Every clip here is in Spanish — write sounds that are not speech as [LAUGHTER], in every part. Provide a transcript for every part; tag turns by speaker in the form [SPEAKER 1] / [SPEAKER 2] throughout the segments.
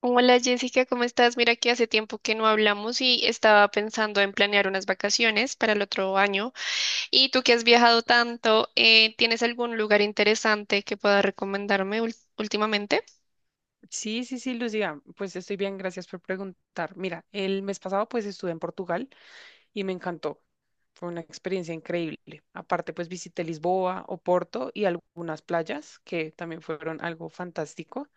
[SPEAKER 1] Hola Jessica, ¿cómo estás? Mira que hace tiempo que no hablamos y estaba pensando en planear unas vacaciones para el otro año. Y tú que has viajado tanto, ¿tienes algún lugar interesante que puedas recomendarme últimamente?
[SPEAKER 2] Sí, sí, sí, Lucía, pues estoy bien, gracias por preguntar. Mira, el mes pasado pues estuve en Portugal y me encantó. Fue una experiencia increíble. Aparte pues visité Lisboa, Oporto y algunas playas que también fueron algo fantástico.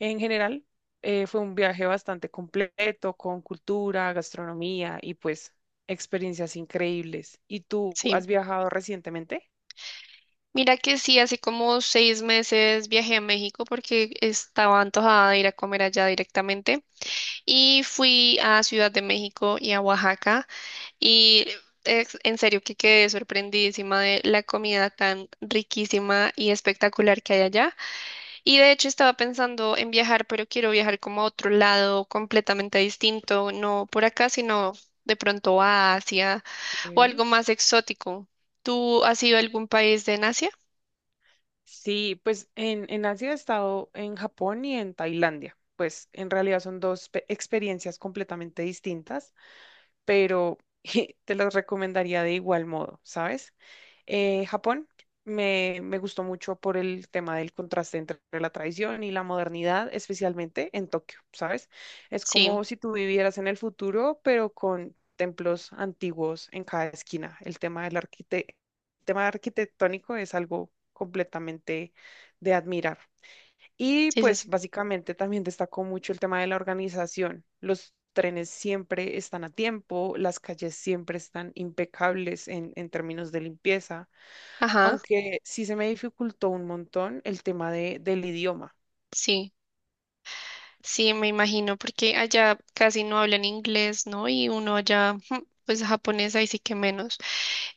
[SPEAKER 2] En general, fue un viaje bastante completo con cultura, gastronomía y pues experiencias increíbles. ¿Y tú
[SPEAKER 1] Sí.
[SPEAKER 2] has viajado recientemente?
[SPEAKER 1] Mira que sí, hace como seis meses viajé a México porque estaba antojada de ir a comer allá directamente y fui a Ciudad de México y a Oaxaca y en serio que quedé sorprendidísima de la comida tan riquísima y espectacular que hay allá. Y de hecho estaba pensando en viajar, pero quiero viajar como a otro lado completamente distinto, no por acá, sino de pronto a Asia o
[SPEAKER 2] Ok.
[SPEAKER 1] algo más exótico. ¿Tú has ido a algún país de Asia?
[SPEAKER 2] Sí, pues en Asia he estado en Japón y en Tailandia. Pues en realidad son dos experiencias completamente distintas, pero [LAUGHS] te los recomendaría de igual modo, ¿sabes? Japón me gustó mucho por el tema del contraste entre la tradición y la modernidad, especialmente en Tokio, ¿sabes? Es
[SPEAKER 1] Sí,
[SPEAKER 2] como si tú vivieras en el futuro, pero con templos antiguos en cada esquina. El tema arquitectónico es algo completamente de admirar. Y
[SPEAKER 1] sí, sí,
[SPEAKER 2] pues
[SPEAKER 1] sí.
[SPEAKER 2] básicamente también destacó mucho el tema de la organización. Los trenes siempre están a tiempo, las calles siempre están impecables en términos de limpieza,
[SPEAKER 1] Ajá,
[SPEAKER 2] aunque sí se me dificultó un montón el tema del idioma.
[SPEAKER 1] sí. Sí, me imagino, porque allá casi no hablan inglés, ¿no? Y uno allá, [LAUGHS] pues japonés ahí sí que menos.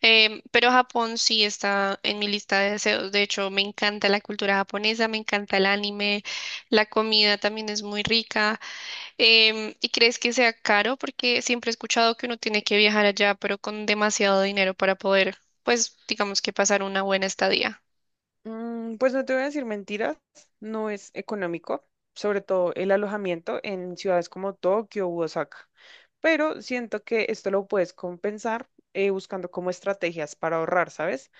[SPEAKER 1] Pero Japón sí está en mi lista de deseos. De hecho, me encanta la cultura japonesa, me encanta el anime, la comida también es muy rica. ¿Y crees que sea caro? Porque siempre he escuchado que uno tiene que viajar allá, pero con demasiado dinero para poder, pues, digamos que pasar una buena estadía.
[SPEAKER 2] Pues no te voy a decir mentiras, no es económico, sobre todo el alojamiento en ciudades como Tokio u Osaka, pero siento que esto lo puedes compensar buscando como estrategias para ahorrar, ¿sabes?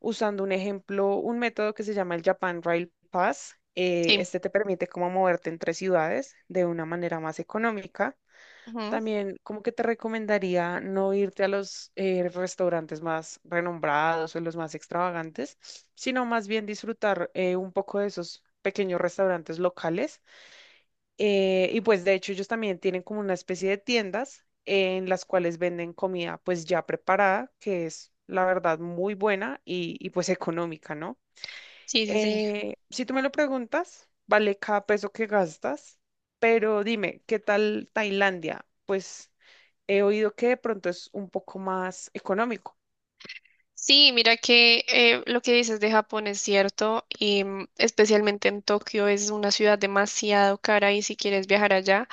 [SPEAKER 2] Usando un ejemplo, un método que se llama el Japan Rail Pass.
[SPEAKER 1] Sí.
[SPEAKER 2] Este te permite como moverte entre ciudades de una manera más económica.
[SPEAKER 1] Ujú.
[SPEAKER 2] También como que te recomendaría no irte a los restaurantes más renombrados o los más extravagantes, sino más bien disfrutar un poco de esos pequeños restaurantes locales, y pues de hecho ellos también tienen como una especie de tiendas en las cuales venden comida pues ya preparada, que es la verdad muy buena pues económica, ¿no?
[SPEAKER 1] Sí, sí, sí.
[SPEAKER 2] Si tú me lo preguntas, vale cada peso que gastas, pero dime, ¿qué tal Tailandia? Pues he oído que de pronto es un poco más económico.
[SPEAKER 1] Sí, mira que lo que dices de Japón es cierto, y especialmente en Tokio es una ciudad demasiado cara y si quieres viajar allá,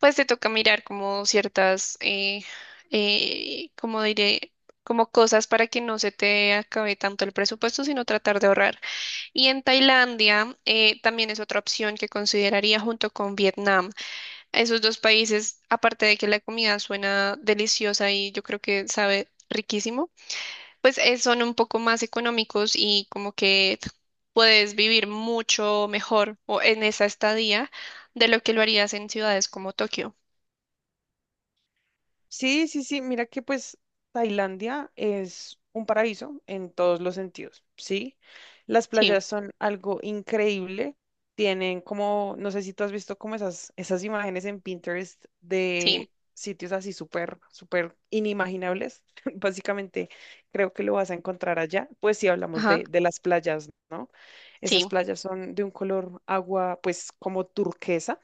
[SPEAKER 1] pues te toca mirar como ciertas, como diré, como cosas para que no se te acabe tanto el presupuesto, sino tratar de ahorrar. Y en Tailandia también es otra opción que consideraría junto con Vietnam. Esos dos países, aparte de que la comida suena deliciosa y yo creo que sabe riquísimo, pues son un poco más económicos y como que puedes vivir mucho mejor o en esa estadía de lo que lo harías en ciudades como Tokio.
[SPEAKER 2] Sí, sí, sí, mira que pues Tailandia es un paraíso en todos los sentidos, ¿sí? Las
[SPEAKER 1] Sí,
[SPEAKER 2] playas son algo increíble, tienen como, no sé si tú has visto como esas imágenes en Pinterest
[SPEAKER 1] sí,
[SPEAKER 2] de sitios así súper, súper inimaginables, [LAUGHS] básicamente creo que lo vas a encontrar allá, pues si hablamos
[SPEAKER 1] ajá,
[SPEAKER 2] de las playas, ¿no?
[SPEAKER 1] sí,
[SPEAKER 2] Esas playas son de un color agua pues como turquesa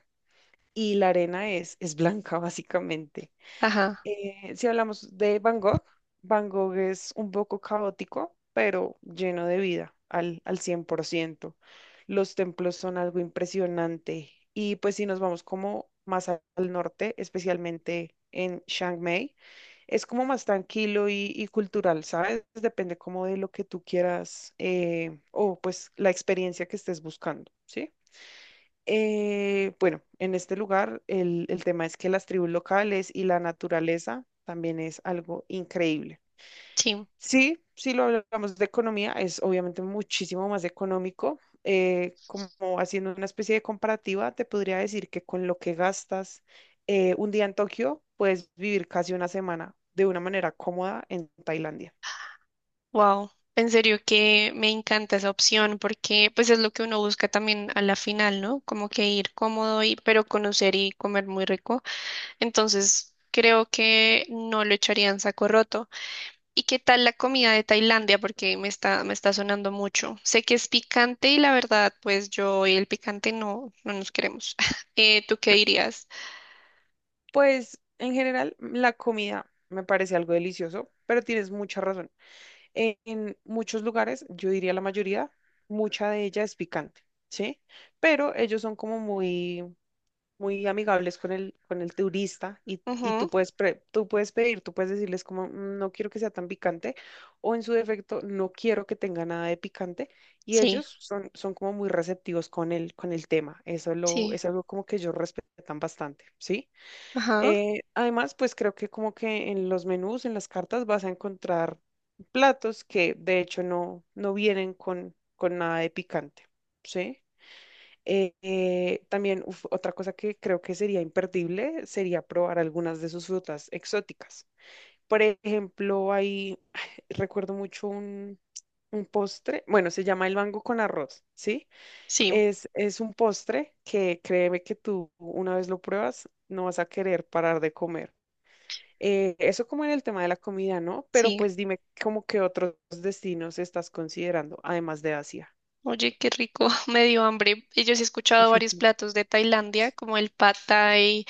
[SPEAKER 2] y la arena es blanca [LAUGHS] básicamente.
[SPEAKER 1] ajá,
[SPEAKER 2] Si hablamos de Van Gogh, Van Gogh es un poco caótico, pero lleno de vida al 100%. Los templos son algo impresionante. Y pues si nos vamos como más al norte, especialmente en Chiang Mai, es como más tranquilo y cultural, ¿sabes? Depende como de lo que tú quieras, o pues la experiencia que estés buscando, ¿sí? Bueno, en este lugar el tema es que las tribus locales y la naturaleza también es algo increíble.
[SPEAKER 1] sí.
[SPEAKER 2] Sí, si lo hablamos de economía, es obviamente muchísimo más económico. Como haciendo una especie de comparativa, te podría decir que con lo que gastas un día en Tokio, puedes vivir casi una semana de una manera cómoda en Tailandia.
[SPEAKER 1] Wow. En serio que me encanta esa opción porque pues es lo que uno busca también a la final, ¿no? Como que ir cómodo y pero conocer y comer muy rico. Entonces, creo que no lo echaría en saco roto. ¿Y qué tal la comida de Tailandia? Porque me está sonando mucho. Sé que es picante y la verdad, pues yo y el picante no, no nos queremos. [LAUGHS] ¿Tú qué dirías?
[SPEAKER 2] Pues en general, la comida me parece algo delicioso, pero tienes mucha razón. En muchos lugares, yo diría la mayoría, mucha de ella es picante, ¿sí? Pero ellos son como muy, muy amigables con con el turista, y tú
[SPEAKER 1] Ujú.
[SPEAKER 2] puedes, tú puedes pedir, tú puedes decirles como: no quiero que sea tan picante, o en su defecto, no quiero que tenga nada de picante". Y
[SPEAKER 1] Sí,
[SPEAKER 2] ellos son, son como muy receptivos con con el tema. Eso
[SPEAKER 1] sí,
[SPEAKER 2] es algo como que ellos respetan bastante, ¿sí?
[SPEAKER 1] ajá,
[SPEAKER 2] Además, pues creo que como que en los menús, en las cartas, vas a encontrar platos que de hecho no vienen con nada de picante, ¿sí? También uf, otra cosa que creo que sería imperdible sería probar algunas de sus frutas exóticas. Por ejemplo, hay, [SIGHS] recuerdo mucho un postre, bueno, se llama el mango con arroz, ¿sí?
[SPEAKER 1] sí,
[SPEAKER 2] Es un postre que créeme que tú una vez lo pruebas, no vas a querer parar de comer. Eso como en el tema de la comida, ¿no? Pero
[SPEAKER 1] sí.
[SPEAKER 2] pues dime, ¿cómo qué otros destinos estás considerando, además de Asia?
[SPEAKER 1] Oye, qué rico, [LAUGHS] me dio hambre. Y yo sí he escuchado varios platos de Tailandia, como el pad thai,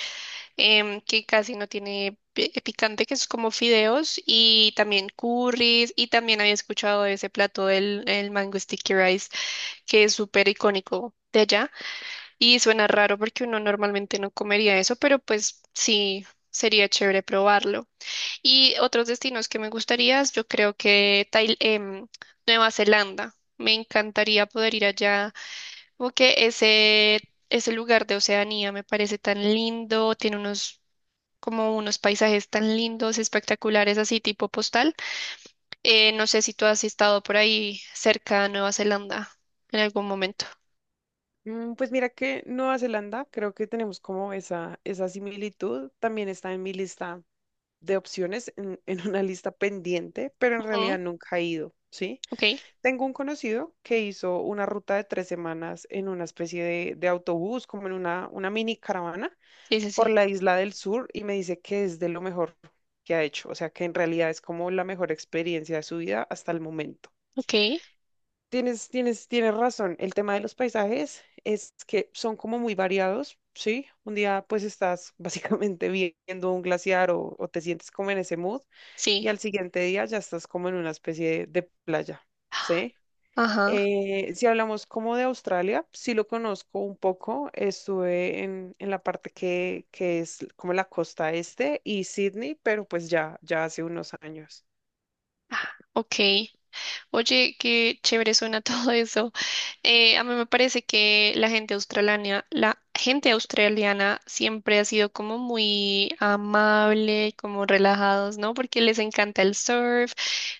[SPEAKER 1] que casi no tiene picante, que es como fideos, y también curries, y también había escuchado de ese plato del el mango sticky rice que es súper icónico de allá y suena raro porque uno normalmente no comería eso, pero pues sí, sería chévere probarlo. Y otros destinos que me gustaría, yo creo que Nueva Zelanda. Me encantaría poder ir allá, como que ese lugar de Oceanía me parece tan lindo, tiene unos como unos paisajes tan lindos, espectaculares, así tipo postal. No sé si tú has estado por ahí cerca de Nueva Zelanda en algún momento.
[SPEAKER 2] Pues mira que Nueva Zelanda, creo que tenemos como esa similitud, también está en mi lista de opciones, en, [LAUGHS] en una lista pendiente, pero en
[SPEAKER 1] Ujú.
[SPEAKER 2] realidad nunca he ido, ¿sí?
[SPEAKER 1] Ok.
[SPEAKER 2] Tengo un conocido que hizo una ruta de 3 semanas en una especie de autobús, como en una mini caravana
[SPEAKER 1] Sí, sí,
[SPEAKER 2] por
[SPEAKER 1] sí.
[SPEAKER 2] la isla del sur, y me dice que es de lo mejor que ha hecho, o sea que en realidad es como la mejor experiencia de su vida hasta el momento.
[SPEAKER 1] Ok,
[SPEAKER 2] Tienes razón, el tema de los paisajes es que son como muy variados, ¿sí? Un día pues estás [LAUGHS] básicamente viendo un glaciar, o te sientes como en ese mood, y
[SPEAKER 1] sí.
[SPEAKER 2] al siguiente día ya estás como en una especie de playa, ¿sí?
[SPEAKER 1] Ajá.
[SPEAKER 2] Si hablamos como de Australia, sí lo conozco un poco. Estuve en la parte que es como la costa este y Sydney, pero pues ya hace unos años.
[SPEAKER 1] Ah, Ok. Oye, qué chévere suena [LAUGHS] todo eso. A mí me parece que la gente australiana siempre ha sido como muy amable, como relajados, ¿no? Porque les encanta el surf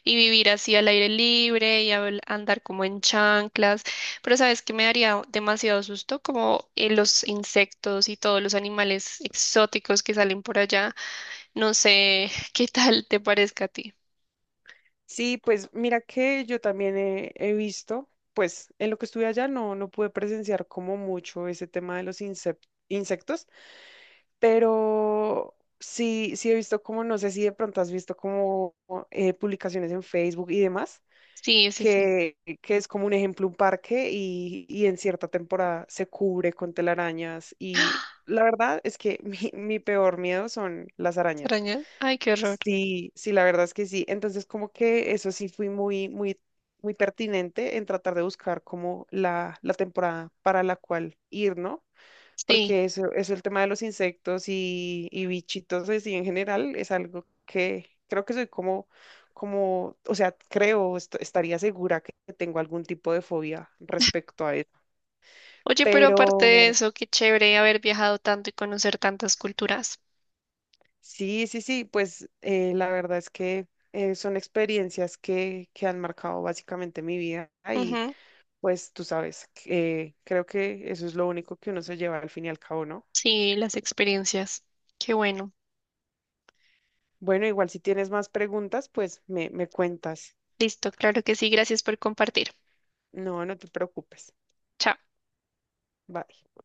[SPEAKER 1] y vivir así al aire libre y andar como en chanclas. Pero sabes que me daría demasiado susto como los insectos y todos los animales exóticos que salen por allá. No sé [LAUGHS] qué tal te parezca a ti.
[SPEAKER 2] Sí, pues mira que yo también he visto, pues en lo que estuve allá no pude presenciar como mucho ese tema de los insectos, pero sí he visto como, no sé si de pronto has visto como publicaciones en Facebook y demás
[SPEAKER 1] Sí, sí, sí.
[SPEAKER 2] que es como un ejemplo, un parque, y en cierta temporada se cubre con telarañas, y
[SPEAKER 1] [GASPS]
[SPEAKER 2] la verdad es que [LAUGHS] mi peor miedo son las arañas.
[SPEAKER 1] ¿Extrañas? Ay, qué horror.
[SPEAKER 2] Sí, sí, la verdad es que sí. Entonces como que eso sí fui muy, muy, muy pertinente en tratar de buscar como la temporada para la cual ir, ¿no?
[SPEAKER 1] Sí.
[SPEAKER 2] Porque eso, el tema de los insectos y bichitos así en general es algo que creo que soy como, o sea, creo, estaría segura que tengo algún tipo de fobia respecto a eso.
[SPEAKER 1] Oye, pero aparte
[SPEAKER 2] Pero
[SPEAKER 1] de eso, qué chévere haber viajado tanto y conocer tantas culturas.
[SPEAKER 2] sí, sí, sí, pues la verdad es que son experiencias que han marcado básicamente mi vida y
[SPEAKER 1] Ujú.
[SPEAKER 2] pues tú sabes, creo que eso es lo único que uno se lleva al fin y al cabo, ¿no?
[SPEAKER 1] Sí, las experiencias. Qué bueno.
[SPEAKER 2] Bueno, igual si tienes más preguntas, pues me cuentas.
[SPEAKER 1] Listo, claro que sí. Gracias por compartir.
[SPEAKER 2] No, no te preocupes.
[SPEAKER 1] Chao.
[SPEAKER 2] Bye.